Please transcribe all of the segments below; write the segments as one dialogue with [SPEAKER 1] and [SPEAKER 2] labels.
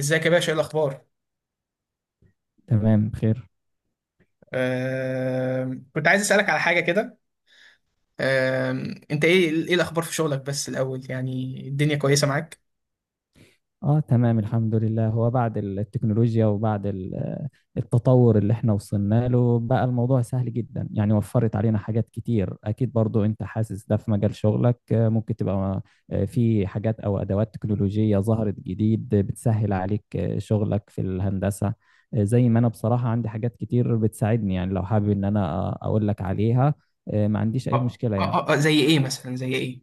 [SPEAKER 1] ازيك يا باشا، ايه الاخبار؟
[SPEAKER 2] تمام بخير.
[SPEAKER 1] كنت عايز اسالك على حاجه كده. انت ايه الاخبار في شغلك بس الاول؟ يعني الدنيا كويسه معاك؟
[SPEAKER 2] اه تمام، الحمد لله. هو بعد التكنولوجيا وبعد التطور اللي احنا وصلنا له بقى الموضوع سهل جدا، يعني وفرت علينا حاجات كتير، اكيد برضو انت حاسس ده في مجال شغلك. ممكن تبقى في حاجات او ادوات تكنولوجية ظهرت جديد بتسهل عليك شغلك في الهندسة. زي ما انا بصراحة عندي حاجات كتير بتساعدني، يعني لو حابب ان انا اقول لك عليها ما عنديش اي
[SPEAKER 1] اه
[SPEAKER 2] مشكلة
[SPEAKER 1] اه
[SPEAKER 2] يعني.
[SPEAKER 1] اه. زي ايه مثلا، زي ايه؟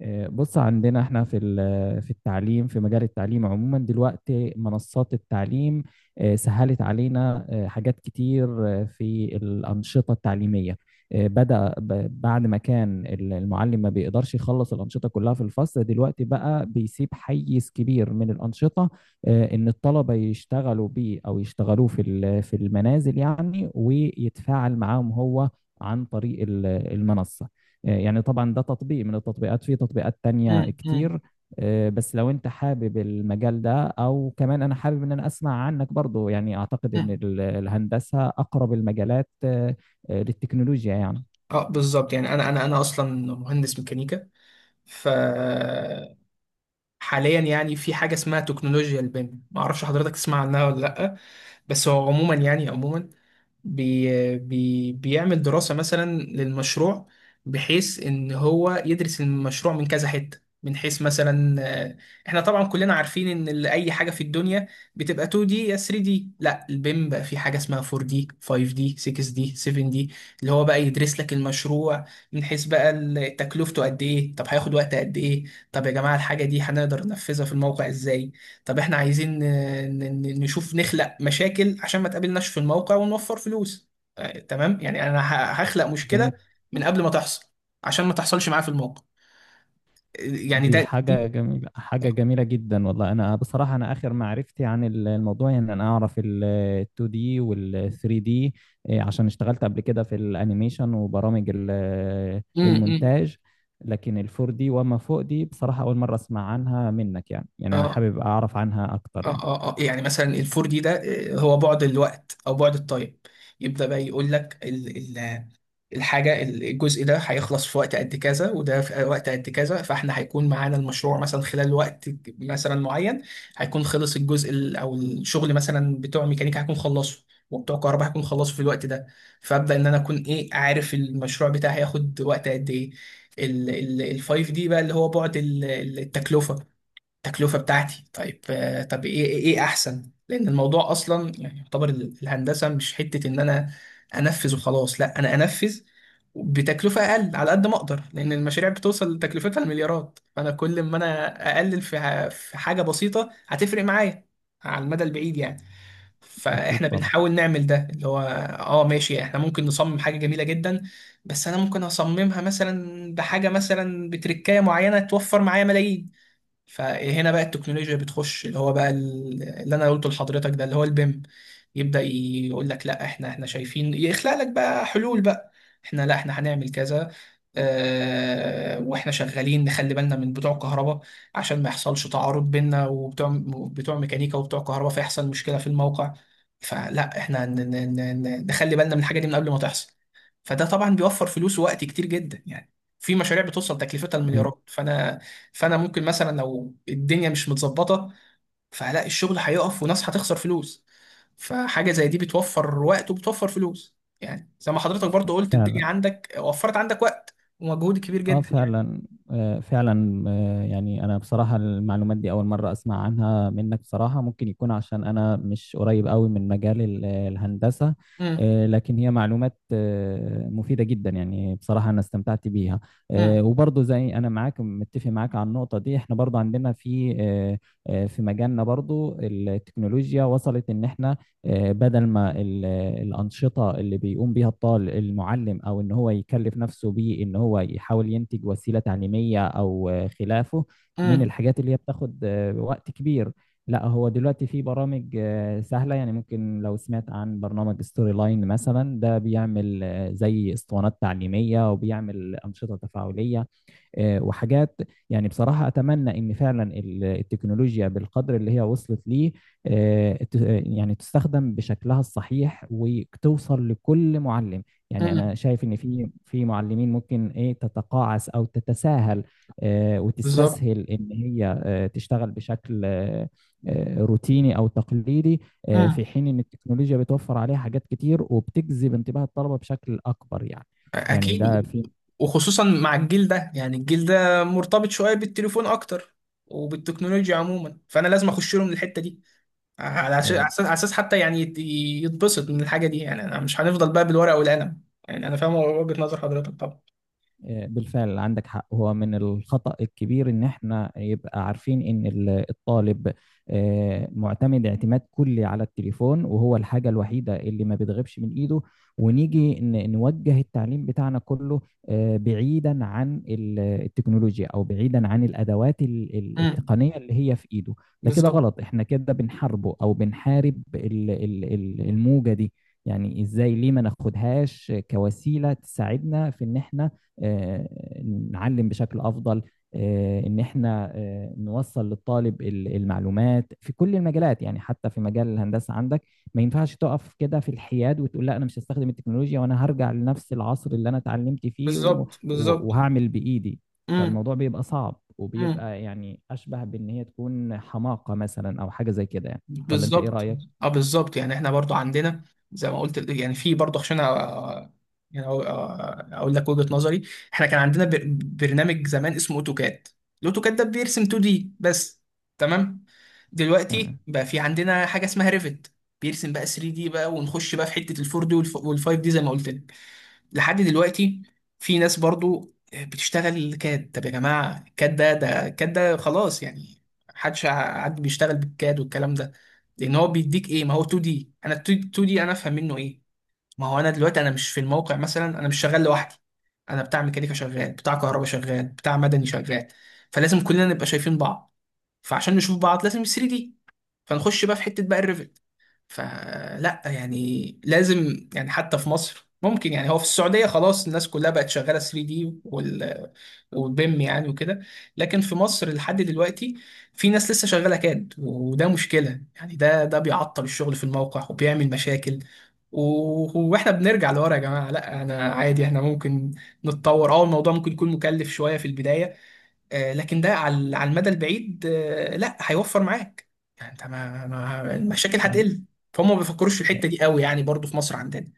[SPEAKER 2] بص عندنا احنا في في التعليم، في مجال التعليم عموما دلوقتي منصات التعليم سهلت علينا حاجات كتير في الأنشطة التعليمية. بدأ بعد ما كان المعلم ما بيقدرش يخلص الأنشطة كلها في الفصل، دلوقتي بقى بيسيب حيز كبير من الأنشطة إن الطلبة يشتغلوا بيه أو يشتغلوه في في المنازل، يعني، ويتفاعل معاهم هو عن طريق المنصة يعني. طبعا ده تطبيق من التطبيقات، في تطبيقات تانية
[SPEAKER 1] مم، مم،
[SPEAKER 2] كتير. بس لو انت حابب المجال ده، او كمان انا حابب ان انا اسمع عنك برضو، يعني اعتقد ان
[SPEAKER 1] مم.
[SPEAKER 2] الهندسة اقرب المجالات للتكنولوجيا يعني.
[SPEAKER 1] اه بالظبط. يعني انا اصلا مهندس ميكانيكا، ف حاليا يعني في حاجه اسمها تكنولوجيا البيم، ما اعرفش حضرتك تسمع عنها ولا لا؟ بس هو عموما، يعني عموما بي بي بيعمل دراسه مثلا للمشروع، بحيث ان هو يدرس المشروع من كذا حته، من حيث مثلا. آه، احنا طبعا كلنا عارفين ان اي حاجه في الدنيا بتبقى 2 دي يا 3 دي. لا، البيم بقى في حاجه اسمها 4 دي 5 دي 6 دي 7 دي، اللي هو بقى يدرس لك المشروع من حيث بقى تكلفته قد ايه، طب هياخد وقت قد ايه، طب يا جماعة الحاجة دي هنقدر ننفذها في الموقع ازاي، طب احنا عايزين نشوف، نخلق مشاكل عشان ما تقابلناش في الموقع ونوفر فلوس. تمام. يعني انا هخلق مشكلة
[SPEAKER 2] جميل.
[SPEAKER 1] من قبل ما تحصل عشان ما تحصلش معاه في الموقع. يعني
[SPEAKER 2] دي
[SPEAKER 1] ده
[SPEAKER 2] حاجة
[SPEAKER 1] دي.
[SPEAKER 2] جميلة، حاجة جميلة جدا والله. أنا بصراحة أنا آخر معرفتي عن الموضوع يعني إن أنا أعرف ال 2D وال 3D، عشان اشتغلت قبل كده في الأنيميشن وبرامج
[SPEAKER 1] امم.
[SPEAKER 2] المونتاج لكن ال 4D وما فوق دي بصراحة أول مرة أسمع عنها منك، يعني أنا
[SPEAKER 1] اه
[SPEAKER 2] حابب أعرف عنها أكتر
[SPEAKER 1] اه
[SPEAKER 2] يعني.
[SPEAKER 1] اه اه، يعني مثلا الفور دي ده، هو بعد الوقت او بعد التايم يبدأ بقى يقول لك الحاجة، الجزء ده هيخلص في وقت قد كذا وده في وقت قد كذا، فاحنا هيكون معانا المشروع مثلا خلال وقت مثلا معين، هيكون خلص او الشغل مثلا بتوع ميكانيكا هيكون خلصه، وبتوع كهرباء هيكون خلصه في الوقت ده. فابدا ان انا اكون ايه؟ عارف المشروع بتاعي هياخد وقت قد ايه. ال 5 دي بقى اللي هو بعد التكلفة. التكلفة بتاعتي، طيب. آه، طب ايه ايه إيه احسن، لان الموضوع اصلا يعني يعتبر الهندسة مش حتة ان انا انفذ وخلاص. لا، انا انفذ بتكلفة اقل على قد ما اقدر، لان المشاريع بتوصل لتكلفتها المليارات. فانا كل ما انا اقلل في في حاجة بسيطة هتفرق معايا على المدى البعيد يعني.
[SPEAKER 2] أكيد
[SPEAKER 1] فاحنا
[SPEAKER 2] طبعا.
[SPEAKER 1] بنحاول نعمل ده اللي هو، اه ماشي، احنا ممكن نصمم حاجة جميلة جدا، بس انا ممكن اصممها مثلا بحاجة مثلا بتركاية معينة توفر معايا ملايين. فهنا بقى التكنولوجيا بتخش، اللي هو بقى اللي انا قلته لحضرتك ده اللي هو البيم، يبدأ يقول لك لا احنا شايفين، يخلق لك بقى حلول بقى. احنا، لا احنا هنعمل كذا. اه، واحنا شغالين نخلي بالنا من بتوع كهرباء عشان ما يحصلش تعارض بيننا وبتوع ميكانيكا وبتوع كهرباء فيحصل مشكلة في الموقع. فلا احنا نخلي بالنا من الحاجة دي من قبل ما تحصل. فده طبعا بيوفر فلوس ووقت كتير جدا يعني. في مشاريع بتوصل تكلفتها
[SPEAKER 2] أيوه.
[SPEAKER 1] المليارات. فانا ممكن مثلا لو الدنيا مش متظبطه، فهلاقي الشغل هيقف وناس هتخسر فلوس، فحاجه زي دي بتوفر وقت وبتوفر فلوس. يعني زي ما حضرتك برضو قلت،
[SPEAKER 2] فعلا.
[SPEAKER 1] الدنيا عندك، وفرت عندك وقت ومجهود كبير
[SPEAKER 2] اه
[SPEAKER 1] جدا يعني.
[SPEAKER 2] فعلا. آه فعلا. يعني انا بصراحة المعلومات دي اول مرة اسمع عنها منك، بصراحة ممكن يكون عشان انا مش قريب قوي من مجال الهندسة
[SPEAKER 1] امم
[SPEAKER 2] لكن هي معلومات مفيدة جدا، يعني بصراحة انا استمتعت بيها.
[SPEAKER 1] امم
[SPEAKER 2] وبرضه زي انا معاك، متفق معاك على النقطة دي. احنا برضه عندنا في في مجالنا برضه التكنولوجيا وصلت ان احنا بدل ما الأنشطة اللي بيقوم بيها الطالب المعلم، أو إن هو يكلف نفسه بيه، إن هو يحاول ينتج وسيلة تعليمية أو خلافه من
[SPEAKER 1] امم
[SPEAKER 2] الحاجات اللي هي بتاخد وقت كبير. لا، هو دلوقتي في برامج سهلة يعني ممكن لو سمعت عن برنامج ستوري لاين مثلا، ده بيعمل زي اسطوانات تعليمية، وبيعمل أنشطة تفاعلية وحاجات يعني بصراحة أتمنى إن فعلا التكنولوجيا بالقدر اللي هي وصلت ليه آه، ت- يعني تستخدم بشكلها الصحيح، وتوصل لكل معلم. يعني
[SPEAKER 1] امم
[SPEAKER 2] أنا شايف إن في معلمين ممكن تتقاعس أو تتساهل
[SPEAKER 1] بالظبط.
[SPEAKER 2] وتستسهل إن هي تشتغل بشكل روتيني أو تقليدي، في
[SPEAKER 1] امم.
[SPEAKER 2] حين إن التكنولوجيا بتوفر عليها حاجات كتير، وبتجذب انتباه الطلبة بشكل أكبر يعني. يعني ده
[SPEAKER 1] اكيد.
[SPEAKER 2] في.
[SPEAKER 1] وخصوصا مع الجيل ده. يعني الجيل ده مرتبط شويه بالتليفون اكتر وبالتكنولوجيا عموما، فانا لازم اخش لهم الحته دي، على أساس على
[SPEAKER 2] آه،
[SPEAKER 1] أساس على أساس حتى يعني يتبسط من الحاجة دي. يعني أنا مش هنفضل بقى بالورقة والقلم. يعني أنا فاهم وجهة نظر حضرتك طبعا.
[SPEAKER 2] بالفعل عندك حق، هو من الخطأ الكبير ان احنا يبقى عارفين ان الطالب معتمد اعتماد كلي على التليفون، وهو الحاجة الوحيدة اللي ما بتغيبش من ايده، ونيجي نوجه التعليم بتاعنا كله بعيدا عن التكنولوجيا او بعيدا عن الادوات
[SPEAKER 1] امم.
[SPEAKER 2] التقنية اللي هي في ايده. ده كده
[SPEAKER 1] بالظبط
[SPEAKER 2] غلط، احنا كده بنحاربه او بنحارب الموجة دي. يعني ازاي؟ ليه ما ناخدهاش كوسيلة تساعدنا في ان احنا آه، نعلم بشكل افضل، ان احنا نوصل للطالب المعلومات في كل المجالات، يعني حتى في مجال الهندسه عندك ما ينفعش تقف كده في الحياد وتقول لا انا مش هستخدم التكنولوجيا، وانا هرجع لنفس العصر اللي انا اتعلمت فيه
[SPEAKER 1] بالظبط بالظبط
[SPEAKER 2] وهعمل بايدي.
[SPEAKER 1] امم.
[SPEAKER 2] فالموضوع بيبقى صعب، وبيبقى يعني اشبه بان هي تكون حماقه مثلا او حاجه زي كده يعني. ولا انت ايه
[SPEAKER 1] بالظبط.
[SPEAKER 2] رايك؟
[SPEAKER 1] اه بالظبط، يعني احنا برضو عندنا، زي ما قلت يعني في برضو، عشان يعني اقول لك وجهة نظري. احنا كان عندنا برنامج زمان اسمه اوتوكاد. الاوتوكاد ده بيرسم 2 دي بس، تمام.
[SPEAKER 2] تمام.
[SPEAKER 1] دلوقتي بقى في عندنا حاجة اسمها ريفت، بيرسم بقى 3 دي بقى، ونخش بقى في حتة ال 4 دي وال 5 دي زي ما قلت لك. لحد دلوقتي في ناس برضو بتشتغل كاد. طب يا جماعة الكاد ده، الكاد ده خلاص يعني، حد بيشتغل بالكاد والكلام ده؟ لأن هو بيديك إيه؟ ما هو 2 دي. أنا 2 دي أنا أفهم منه إيه؟ ما هو أنا دلوقتي أنا مش في الموقع مثلا، أنا مش شغال لوحدي، أنا بتاع ميكانيكا شغال، بتاع كهرباء شغال، بتاع مدني شغال، فلازم كلنا نبقى شايفين بعض، فعشان نشوف بعض لازم 3 دي، فنخش بقى في حتة بقى. فلا يعني لازم يعني حتى في مصر ممكن، يعني هو في السعودية خلاص الناس كلها بقت شغالة 3 دي وال، وبيم يعني وكده. لكن في مصر لحد دلوقتي في ناس لسه شغالة كاد، وده مشكلة يعني، ده بيعطل الشغل في الموقع وبيعمل مشاكل. واحنا بنرجع لورا يا جماعة. لا انا عادي احنا ممكن نتطور. اه الموضوع ممكن يكون مكلف شوية في البداية، لكن ده على على المدى البعيد، لا، هيوفر معاك. يعني انت المشاكل
[SPEAKER 2] فعلا.
[SPEAKER 1] هتقل. فهم ما بيفكروش في الحته دي قوي يعني، برضو في مصر عندنا.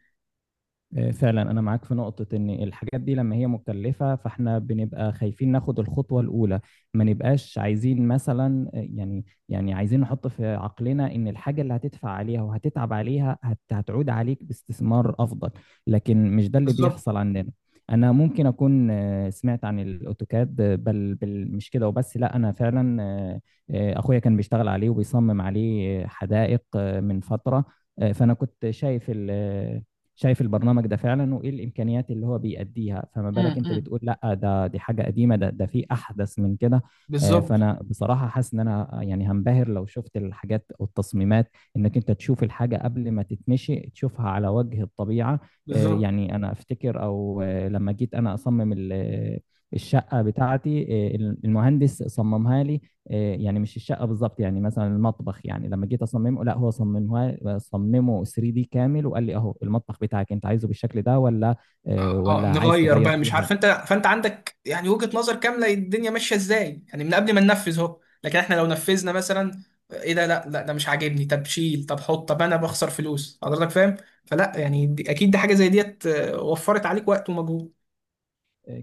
[SPEAKER 2] فعلا انا معاك في نقطة، ان الحاجات دي لما هي مكلفة فاحنا بنبقى خايفين ناخد الخطوة الاولى. ما نبقاش عايزين مثلا يعني عايزين نحط في عقلنا ان الحاجة اللي هتدفع عليها وهتتعب عليها هتعود عليك باستثمار افضل، لكن مش ده اللي
[SPEAKER 1] بالظبط.
[SPEAKER 2] بيحصل عندنا. انا ممكن اكون سمعت عن الاوتوكاد بل مش كده وبس، لا انا فعلا اخويا كان بيشتغل عليه وبيصمم عليه حدائق من فترة. فانا كنت شايف البرنامج ده فعلا، وايه الامكانيات اللي هو بيأديها؟ فما بالك انت
[SPEAKER 1] امم.
[SPEAKER 2] بتقول لا دي حاجه قديمه، ده في احدث من كده.
[SPEAKER 1] بالظبط.
[SPEAKER 2] فانا بصراحه حاسس ان انا يعني هنبهر لو شفت الحاجات والتصميمات، انك انت تشوف الحاجه قبل ما تتمشي تشوفها على وجه الطبيعه.
[SPEAKER 1] بالظبط.
[SPEAKER 2] يعني انا افتكر او لما جيت انا اصمم الشقه بتاعتي، آه، المهندس صممها لي، يعني مش الشقه بالظبط، يعني مثلا المطبخ، يعني لما جيت اصممه لا هو صممه 3 دي كامل، وقال لي اهو المطبخ بتاعك، انت عايزه بالشكل ده، ولا
[SPEAKER 1] اه،
[SPEAKER 2] ولا عايز
[SPEAKER 1] نغير
[SPEAKER 2] تغير
[SPEAKER 1] بقى
[SPEAKER 2] فيه
[SPEAKER 1] مش
[SPEAKER 2] حاجه؟
[SPEAKER 1] عارف انت. فانت عندك يعني وجهة نظر كاملة الدنيا ماشية ازاي، يعني من قبل ما ننفذ اهو. لكن احنا لو نفذنا مثلا، ايه ده، لا لا ده مش عاجبني، طب شيل، طب حط، طب انا بخسر فلوس. حضرتك فاهم. فلا يعني دي اكيد دي حاجة زي ديت وفرت عليك وقت ومجهود.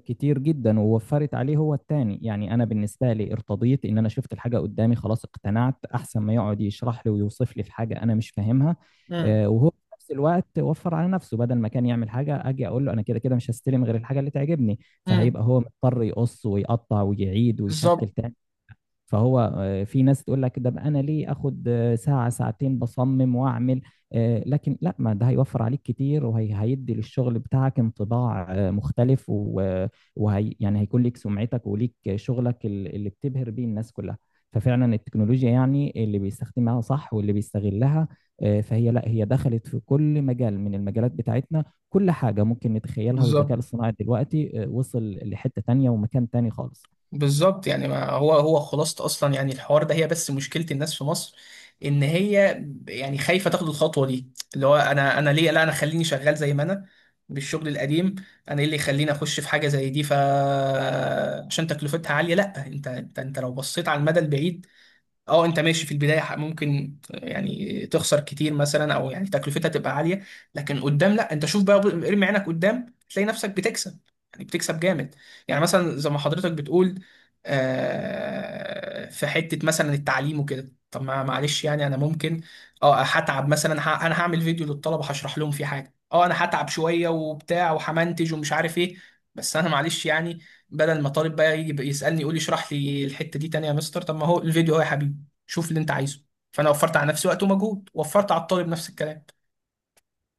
[SPEAKER 2] كتير جدا، ووفرت عليه هو التاني، يعني انا بالنسبه لي ارتضيت ان انا شفت الحاجه قدامي، خلاص اقتنعت، احسن ما يقعد يشرح لي ويوصف لي في حاجه انا مش فاهمها.
[SPEAKER 1] امم
[SPEAKER 2] وهو في نفس الوقت وفر على نفسه، بدل ما كان يعمل حاجه اجي اقول له انا كده كده مش هستلم غير الحاجه اللي تعجبني،
[SPEAKER 1] امم
[SPEAKER 2] فهيبقى هو مضطر يقص ويقطع ويعيد ويشكل
[SPEAKER 1] بالظبط
[SPEAKER 2] تاني. فهو في ناس تقول لك ده بقى، انا ليه اخد ساعة ساعتين بصمم واعمل، لكن لا، ما ده هيوفر عليك كتير، وهيدي للشغل بتاعك انطباع مختلف وهي يعني هيكون ليك سمعتك وليك شغلك اللي بتبهر بيه الناس كلها. ففعلا التكنولوجيا يعني اللي بيستخدمها صح، واللي بيستغلها فهي لا هي دخلت في كل مجال من المجالات بتاعتنا، كل حاجة ممكن نتخيلها،
[SPEAKER 1] بالظبط
[SPEAKER 2] والذكاء الصناعي دلوقتي وصل لحتة تانية ومكان تاني خالص.
[SPEAKER 1] بالظبط يعني ما هو هو خلاصة اصلا يعني الحوار ده، هي بس مشكلة الناس في مصر ان هي يعني خايفة تاخد الخطوة دي. اللي هو انا ليه، لا انا خليني شغال زي ما انا، بالشغل القديم. انا ايه اللي يخليني اخش في حاجة زي دي؟ ف عشان تكلفتها عالية. لا، انت لو بصيت على المدى البعيد، اه انت ماشي في البدايه ممكن يعني تخسر كتير مثلا، او يعني تكلفتها تبقى عاليه، لكن قدام لا، انت شوف بقى، ارمي عينك قدام تلاقي نفسك بتكسب، يعني بتكسب جامد. يعني مثلا زي ما حضرتك بتقول، في حته مثلا التعليم وكده، طب ما معلش يعني انا ممكن اه هتعب مثلا، انا هعمل فيديو للطلبه هشرح لهم فيه حاجه، اه انا هتعب شويه وبتاع وهمنتج ومش عارف ايه، بس انا معلش يعني بدل ما طالب بقى يجي يسالني يقول لي اشرح لي الحته دي تانية يا مستر، طب ما هو الفيديو اهو يا حبيبي، شوف اللي انت عايزه. فانا وفرت على نفسي وقت ومجهود، وفرت على الطالب نفس الكلام.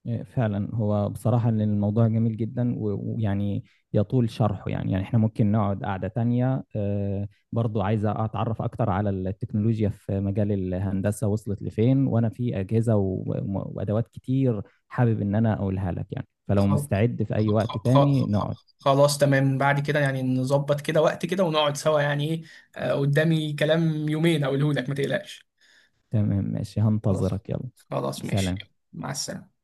[SPEAKER 2] فعلا هو بصراحة إن الموضوع جميل جدا، ويعني يطول شرحه، يعني احنا ممكن نقعد قعدة تانية. برضو عايزة أتعرف أكتر على التكنولوجيا في مجال الهندسة، وصلت لفين، وأنا في أجهزة وأدوات كتير حابب إن أنا أقولها لك يعني، فلو
[SPEAKER 1] خل-
[SPEAKER 2] مستعد في أي
[SPEAKER 1] خ-
[SPEAKER 2] وقت تاني نقعد.
[SPEAKER 1] خلاص تمام، بعد كده يعني نظبط كده وقت كده ونقعد سوا يعني ايه. قدامي كلام يومين اقوله لك ما تقلقش.
[SPEAKER 2] تمام ماشي،
[SPEAKER 1] خلاص.
[SPEAKER 2] هنتظرك يلا.
[SPEAKER 1] خلاص ماشي.
[SPEAKER 2] سلام.
[SPEAKER 1] مع السلامة.